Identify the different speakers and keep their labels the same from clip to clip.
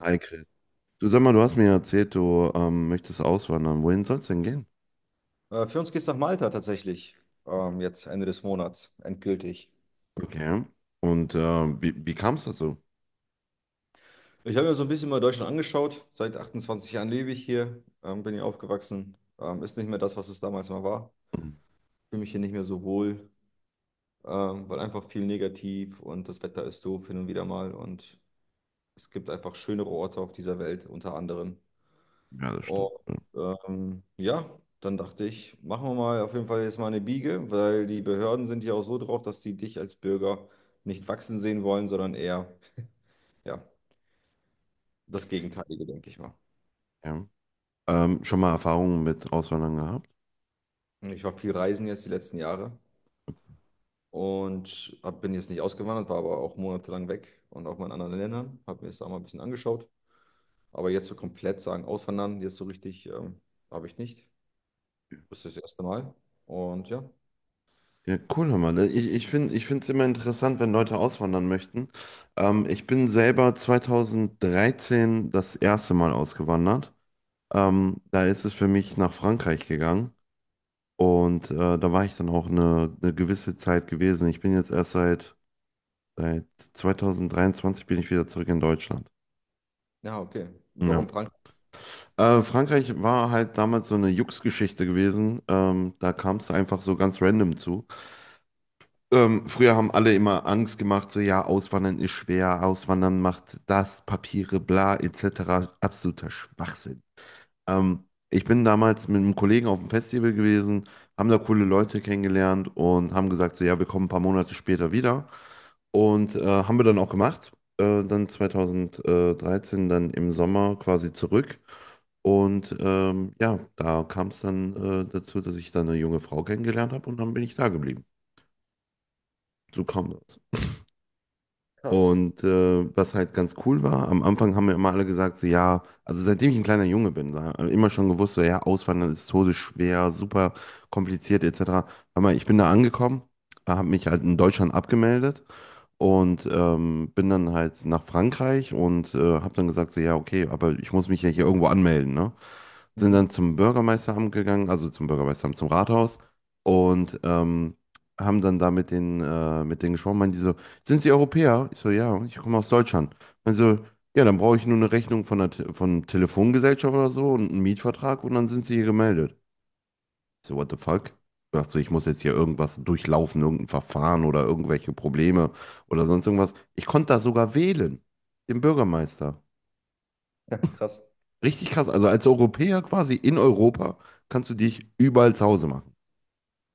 Speaker 1: Hi Chris. Du sag mal, du hast mir erzählt, du möchtest auswandern. Wohin soll es denn gehen?
Speaker 2: Für uns geht's nach Malta tatsächlich. Jetzt Ende des Monats, endgültig.
Speaker 1: Okay. Und wie kam es dazu?
Speaker 2: Ich habe mir so ein bisschen mal Deutschland angeschaut. Seit 28 Jahren lebe ich hier, bin hier aufgewachsen. Ist nicht mehr das, was es damals mal war.
Speaker 1: Hm.
Speaker 2: Fühle mich hier nicht mehr so wohl, weil einfach viel negativ und das Wetter ist doof hin und wieder mal. Und es gibt einfach schönere Orte auf dieser Welt, unter anderem.
Speaker 1: Ja, das
Speaker 2: Und
Speaker 1: stimmt.
Speaker 2: ja, dann dachte ich, machen wir mal auf jeden Fall jetzt mal eine Biege, weil die Behörden sind ja auch so drauf, dass die dich als Bürger nicht wachsen sehen wollen, sondern eher, ja, das Gegenteilige, denke ich mal.
Speaker 1: Ja. Schon mal Erfahrungen mit Auswandern gehabt?
Speaker 2: Ich war viel reisen jetzt die letzten Jahre und bin jetzt nicht ausgewandert, war aber auch monatelang weg und auch mal in anderen Ländern, habe mir das da mal ein bisschen angeschaut. Aber jetzt so komplett sagen, auswandern, jetzt so richtig, habe ich nicht. Das ist das erste Mal. Und ja,
Speaker 1: Ja, cool, hör mal. Ich finde, es immer interessant, wenn Leute auswandern möchten. Ich bin selber 2013 das erste Mal ausgewandert. Da ist es für mich nach Frankreich gegangen. Und da war ich dann auch eine gewisse Zeit gewesen. Ich bin jetzt erst seit 2023 bin ich wieder zurück in Deutschland.
Speaker 2: ja, okay. Warum
Speaker 1: Ja.
Speaker 2: Frankreich?
Speaker 1: Frankreich war halt damals so eine Jux-Geschichte gewesen. Da kam es einfach so ganz random zu. Früher haben alle immer Angst gemacht, so ja, Auswandern ist schwer, Auswandern macht das, Papiere, bla, etc. Absoluter Schwachsinn. Ähm, Ich bin damals mit einem Kollegen auf dem Festival gewesen, haben da coole Leute kennengelernt und haben gesagt, so ja, wir kommen ein paar Monate später wieder. Und haben wir dann auch gemacht. Dann 2013, dann im Sommer quasi zurück. Und ja, da kam es dann dazu, dass ich dann eine junge Frau kennengelernt habe und dann bin ich da geblieben. So kam das.
Speaker 2: Krass.
Speaker 1: Und was halt ganz cool war, am Anfang haben mir immer alle gesagt, so ja, also seitdem ich ein kleiner Junge bin, so, immer schon gewusst, so ja, Auswandern ist todesschwer, super kompliziert etc. Aber ich bin da angekommen, habe mich halt in Deutschland abgemeldet und bin dann halt nach Frankreich und habe dann gesagt, so ja, okay, aber ich muss mich ja hier irgendwo anmelden, ne? Sind
Speaker 2: Mhm.
Speaker 1: dann zum Bürgermeisteramt gegangen, also zum Bürgermeisteramt, zum Rathaus und haben dann da mit denen gesprochen, meinen die so, sind Sie Europäer? Ich so, ja, ich komme aus Deutschland. Also, ja, dann brauche ich nur eine Rechnung von der Te von Telefongesellschaft oder so und einen Mietvertrag und dann sind Sie hier gemeldet. Ich so, what the fuck? Ich dachte so, ich muss jetzt hier irgendwas durchlaufen, irgendein Verfahren oder irgendwelche Probleme oder sonst irgendwas. Ich konnte da sogar wählen, den Bürgermeister.
Speaker 2: Ja, krass.
Speaker 1: Richtig krass. Also als Europäer quasi in Europa kannst du dich überall zu Hause machen.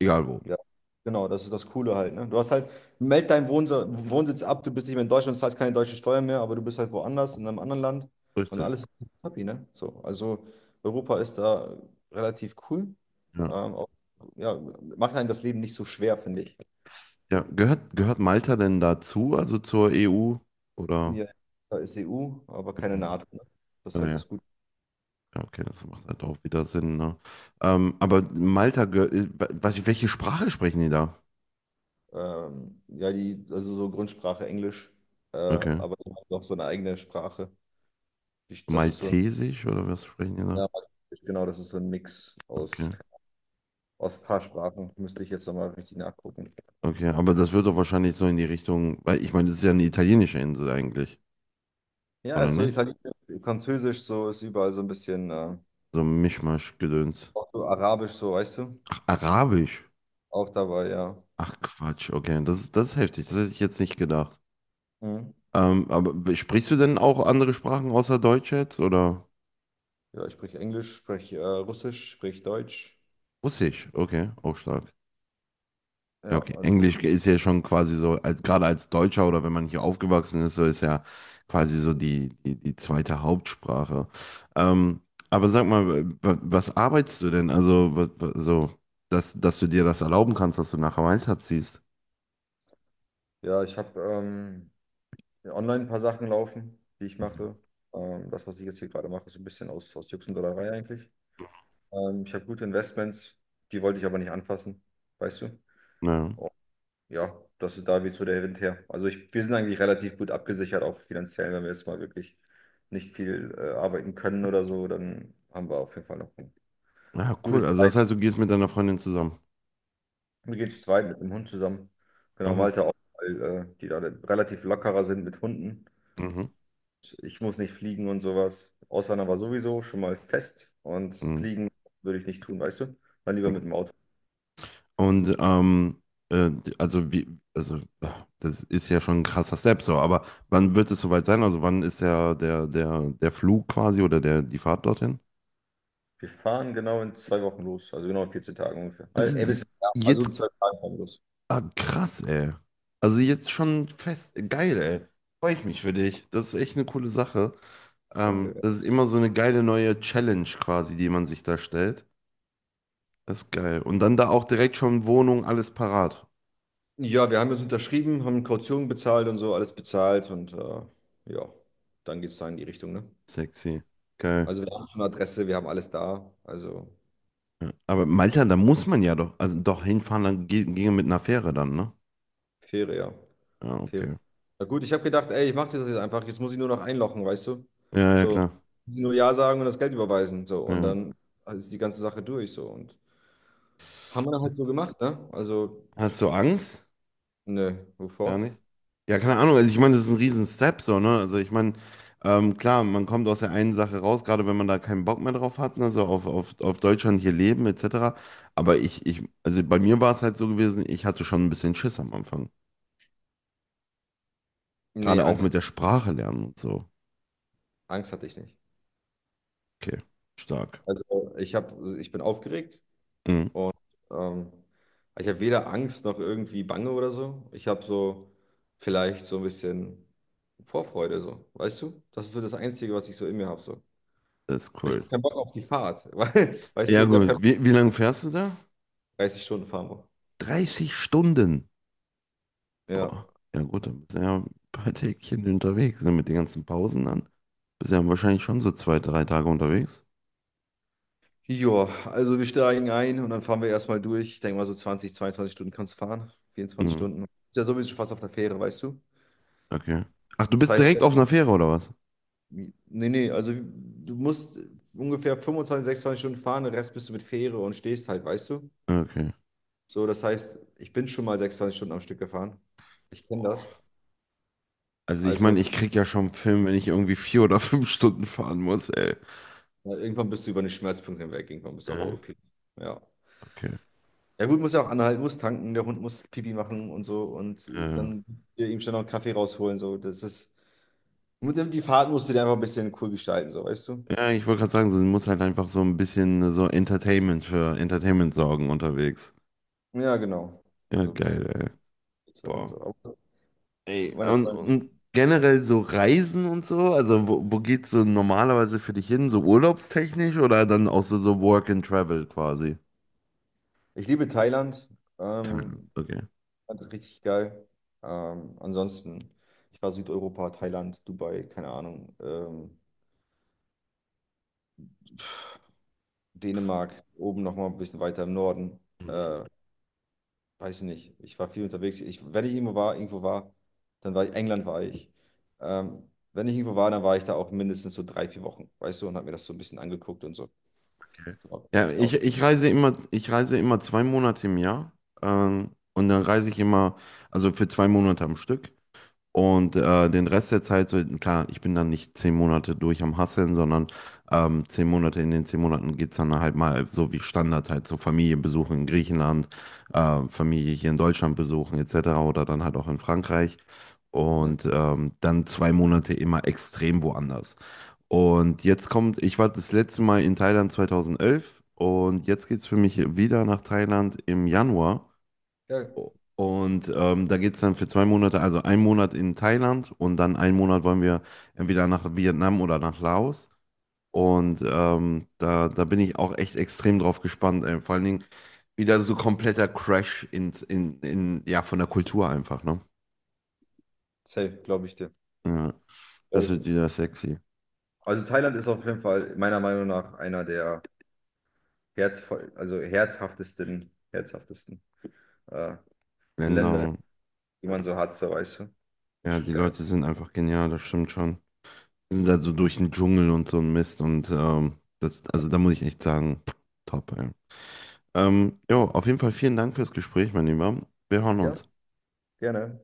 Speaker 1: Egal wo.
Speaker 2: Ja, genau, das ist das Coole halt, ne? Du hast halt, meld deinen Wohnsitz ab, du bist nicht mehr in Deutschland, zahlst keine deutsche Steuer mehr, aber du bist halt woanders, in einem anderen Land und
Speaker 1: Richtig.
Speaker 2: alles ist happy, ne? So, also Europa ist da relativ cool.
Speaker 1: Ja.
Speaker 2: Auch, ja, macht einem das Leben nicht so schwer, finde ich.
Speaker 1: Ja. Gehört Malta denn dazu, also zur EU? Oder?
Speaker 2: Ja, da ist EU, aber keine
Speaker 1: Okay.
Speaker 2: NATO, ne? Das ist halt
Speaker 1: Naja.
Speaker 2: das Gute.
Speaker 1: Ja, okay, das macht halt auch wieder Sinn, ne? Aber Malta, welche Sprache sprechen die da?
Speaker 2: Ja, die, also so Grundsprache Englisch,
Speaker 1: Okay.
Speaker 2: aber die haben noch so eine eigene Sprache. Das ist so ein,
Speaker 1: Maltesisch oder was sprechen die da?
Speaker 2: ja, genau, das ist so ein Mix aus.
Speaker 1: Okay.
Speaker 2: Aus ein paar Sprachen müsste ich jetzt nochmal richtig nachgucken.
Speaker 1: Okay, aber das wird doch wahrscheinlich so in die Richtung, weil ich meine, das ist ja eine italienische Insel eigentlich,
Speaker 2: Ja,
Speaker 1: oder
Speaker 2: ist so
Speaker 1: nicht?
Speaker 2: Italienisch, Französisch, so ist überall so ein bisschen,
Speaker 1: So ein Mischmasch-Gedöns.
Speaker 2: auch so Arabisch, so weißt du,
Speaker 1: Ach, Arabisch.
Speaker 2: auch dabei, ja.
Speaker 1: Ach Quatsch, okay, das ist heftig, das hätte ich jetzt nicht gedacht.
Speaker 2: Mhm.
Speaker 1: Aber sprichst du denn auch andere Sprachen außer Deutsch jetzt, oder?
Speaker 2: Ja, ich spreche Englisch, spreche Russisch, spreche Deutsch.
Speaker 1: Russisch, okay, auch stark. Ja,
Speaker 2: Ja,
Speaker 1: okay.
Speaker 2: also,
Speaker 1: Englisch ist ja schon quasi so, als gerade als Deutscher oder wenn man hier aufgewachsen ist, so ist ja quasi so die zweite Hauptsprache. Ähm, aber sag mal, was arbeitest du denn? Also, so, dass du dir das erlauben kannst, dass du nach Malta ziehst.
Speaker 2: ja, ich habe online ein paar Sachen laufen, die ich mache. Das, was ich jetzt hier gerade mache, ist ein bisschen aus Jux und Dollerei eigentlich. Ich habe gute Investments, die wollte ich aber nicht anfassen, weißt du?
Speaker 1: Ja.
Speaker 2: Ja, das ist da weht so der Wind her. Also wir sind eigentlich relativ gut abgesichert, auch finanziell, wenn wir jetzt mal wirklich nicht viel arbeiten können oder so, dann haben wir auf jeden Fall noch eine
Speaker 1: Ja, ah,
Speaker 2: gute
Speaker 1: cool. Also
Speaker 2: Zeit.
Speaker 1: das heißt, du gehst mit deiner Freundin zusammen.
Speaker 2: Wir gehen zu zweit mit dem Hund zusammen. Genau,
Speaker 1: Aha.
Speaker 2: Malte auch, weil die da relativ lockerer sind mit Hunden.
Speaker 1: Mhm.
Speaker 2: Ich muss nicht fliegen und sowas. Auswandern war sowieso schon mal fest und
Speaker 1: Mhm.
Speaker 2: fliegen würde ich nicht tun, weißt du? Dann lieber mit dem Auto.
Speaker 1: Und äh, also wie, also das ist ja schon ein krasser Step so, aber wann wird es soweit sein? Also wann ist der Flug quasi oder der, die Fahrt dorthin?
Speaker 2: Wir fahren genau in 2 Wochen los, also genau in 14 Tagen ungefähr. Also,
Speaker 1: Also
Speaker 2: ey, bisschen, ja, also
Speaker 1: jetzt,
Speaker 2: in 2 Tagen fahren wir los.
Speaker 1: ah, krass, ey. Also jetzt schon fest, geil, ey. Freue ich mich für dich. Das ist echt eine coole Sache.
Speaker 2: Danke.
Speaker 1: Das ist immer so eine geile neue Challenge quasi, die man sich da stellt. Das ist geil. Und dann da auch direkt schon Wohnung, alles parat.
Speaker 2: Ja, wir haben jetzt unterschrieben, haben Kaution bezahlt und so, alles bezahlt und ja, dann geht es da in die Richtung, ne?
Speaker 1: Sexy. Geil.
Speaker 2: Also wir haben schon Adresse, wir haben alles da, also
Speaker 1: Ja. Aber Malta, da muss man ja doch, also doch hinfahren, dann ginge mit einer Fähre dann, ne?
Speaker 2: faire, ja,
Speaker 1: Ja,
Speaker 2: faire.
Speaker 1: okay.
Speaker 2: Na gut, ich habe gedacht, ey, ich mache das jetzt einfach, jetzt muss ich nur noch einlochen, weißt du?
Speaker 1: Ja, ja,
Speaker 2: So,
Speaker 1: klar.
Speaker 2: nur Ja sagen und das Geld überweisen, so, und
Speaker 1: Ja.
Speaker 2: dann ist die ganze Sache durch, so, und haben wir dann halt so gemacht, ne? Also,
Speaker 1: Hast du Angst?
Speaker 2: ne,
Speaker 1: Gar
Speaker 2: wovor?
Speaker 1: nicht? Ja, keine Ahnung. Also ich meine, das ist ein riesen Step so, ne? Also ich meine, klar, man kommt aus der einen Sache raus, gerade wenn man da keinen Bock mehr drauf hat, ne? So auf Deutschland hier leben, etc. Aber also bei mir war es halt so gewesen, ich hatte schon ein bisschen Schiss am Anfang.
Speaker 2: Nee,
Speaker 1: Gerade auch
Speaker 2: Angst,
Speaker 1: mit der Sprache lernen und so.
Speaker 2: Angst hatte ich nicht.
Speaker 1: Okay, stark.
Speaker 2: Also ich bin aufgeregt.
Speaker 1: Mhm.
Speaker 2: Ähm, Ich habe weder Angst noch irgendwie Bange oder so. Ich habe so vielleicht so ein bisschen Vorfreude, so, weißt du? Das ist so das Einzige, was ich so in mir habe. So.
Speaker 1: Das ist
Speaker 2: Ich habe
Speaker 1: cool.
Speaker 2: keinen Bock auf die Fahrt. Weißt du,
Speaker 1: Ja,
Speaker 2: ich habe
Speaker 1: gut.
Speaker 2: keinen Bock
Speaker 1: Wie lange fährst du da?
Speaker 2: auf 30 Stunden fahren.
Speaker 1: 30 Stunden.
Speaker 2: Ja.
Speaker 1: Boah, ja gut, dann bist du ja ein paar Tägchen unterwegs, ne, mit den ganzen Pausen dann. Bist ja wahrscheinlich schon so 2, 3 Tage unterwegs.
Speaker 2: Joa, also wir steigen ein und dann fahren wir erstmal durch. Ich denke mal so 20, 22 Stunden kannst du fahren. 24
Speaker 1: Mhm.
Speaker 2: Stunden. Ist ja sowieso schon fast auf der Fähre, weißt du?
Speaker 1: Okay. Ach, du
Speaker 2: Das
Speaker 1: bist
Speaker 2: heißt,
Speaker 1: direkt auf einer Fähre oder was?
Speaker 2: nee, nee, also du musst ungefähr 25, 26 Stunden fahren, den Rest bist du mit Fähre und stehst halt, weißt du?
Speaker 1: Okay.
Speaker 2: So, das heißt, ich bin schon mal 26 Stunden am Stück gefahren. Ich kenne das.
Speaker 1: Also ich
Speaker 2: Also,
Speaker 1: meine, ich krieg ja schon einen Film, wenn ich irgendwie 4 oder 5 Stunden fahren muss, ey.
Speaker 2: ja, irgendwann bist du über den Schmerzpunkt hinweg, irgendwann bist du auf
Speaker 1: Ja,
Speaker 2: Autopilot. Ja.
Speaker 1: okay.
Speaker 2: Ja gut, muss ja auch anhalten, muss tanken, der Hund muss Pipi machen und so und
Speaker 1: Ja, ja.
Speaker 2: dann hier ihm schnell noch einen Kaffee rausholen. So. Das ist. Und dann die Fahrt musst du dir einfach ein bisschen cool gestalten, so, weißt du?
Speaker 1: Ja, ich wollte gerade sagen, so, du musst halt einfach so ein bisschen so Entertainment für Entertainment sorgen unterwegs.
Speaker 2: Ja, genau.
Speaker 1: Ja,
Speaker 2: So ein bisschen
Speaker 1: geil, ey.
Speaker 2: Abwechslung und
Speaker 1: Boah.
Speaker 2: so. Aber
Speaker 1: Ey,
Speaker 2: meine
Speaker 1: und,
Speaker 2: Freunde.
Speaker 1: und generell so Reisen und so, also wo geht's so normalerweise für dich hin? So urlaubstechnisch oder dann auch so Work and Travel quasi?
Speaker 2: Ich liebe Thailand.
Speaker 1: Hm,
Speaker 2: Ähm,
Speaker 1: okay.
Speaker 2: Fand das richtig geil. Ansonsten, ich war Südeuropa, Thailand, Dubai, keine Ahnung. Dänemark, oben nochmal ein bisschen weiter im Norden. Äh, Weiß ich nicht. Ich war viel unterwegs. Wenn ich irgendwo war, England war ich. Wenn ich irgendwo war, dann war ich da auch mindestens so 3, 4 Wochen, weißt du, und habe mir das so ein bisschen angeguckt und so.
Speaker 1: Okay.
Speaker 2: So, ein
Speaker 1: Ja,
Speaker 2: bisschen
Speaker 1: ich,
Speaker 2: aus.
Speaker 1: ich reise immer, 2 Monate im Jahr. Und dann reise ich immer, also für 2 Monate am Stück. Und den Rest der Zeit, so, klar, ich bin dann nicht 10 Monate durch am Hasseln, sondern 10 Monate, in den 10 Monaten geht es dann halt mal so wie Standard halt, so Familie Besuchen in Griechenland, Familie hier in Deutschland besuchen etc. oder dann halt auch in Frankreich.
Speaker 2: Ja,
Speaker 1: Und dann 2 Monate immer extrem woanders. Und jetzt kommt, ich war das letzte Mal in Thailand 2011 und jetzt geht es für mich wieder nach Thailand im Januar.
Speaker 2: ja,
Speaker 1: Und da geht es dann für 2 Monate, also einen Monat in Thailand und dann einen Monat wollen wir entweder nach Vietnam oder nach Laos. Und da bin ich auch echt extrem drauf gespannt. Vor allen Dingen wieder so kompletter Crash in, ja, von der Kultur einfach, ne?
Speaker 2: safe, glaube ich dir.
Speaker 1: Ja, das
Speaker 2: Glaub ich
Speaker 1: wird
Speaker 2: dir.
Speaker 1: wieder sexy.
Speaker 2: Also Thailand ist auf jeden Fall meiner Meinung nach einer der herzvoll, also herzhaftesten, herzhaftesten äh, Länder,
Speaker 1: Länder,
Speaker 2: die man so hat, so weißt du. Ist
Speaker 1: ja,
Speaker 2: schon
Speaker 1: die
Speaker 2: geil.
Speaker 1: Leute sind einfach genial, das stimmt schon. Die sind da so durch den Dschungel und so ein Mist und das, also da muss ich echt sagen, top, ey. Jo, auf jeden Fall vielen Dank fürs Gespräch, mein Lieber. Wir hören
Speaker 2: Ja,
Speaker 1: uns.
Speaker 2: gerne.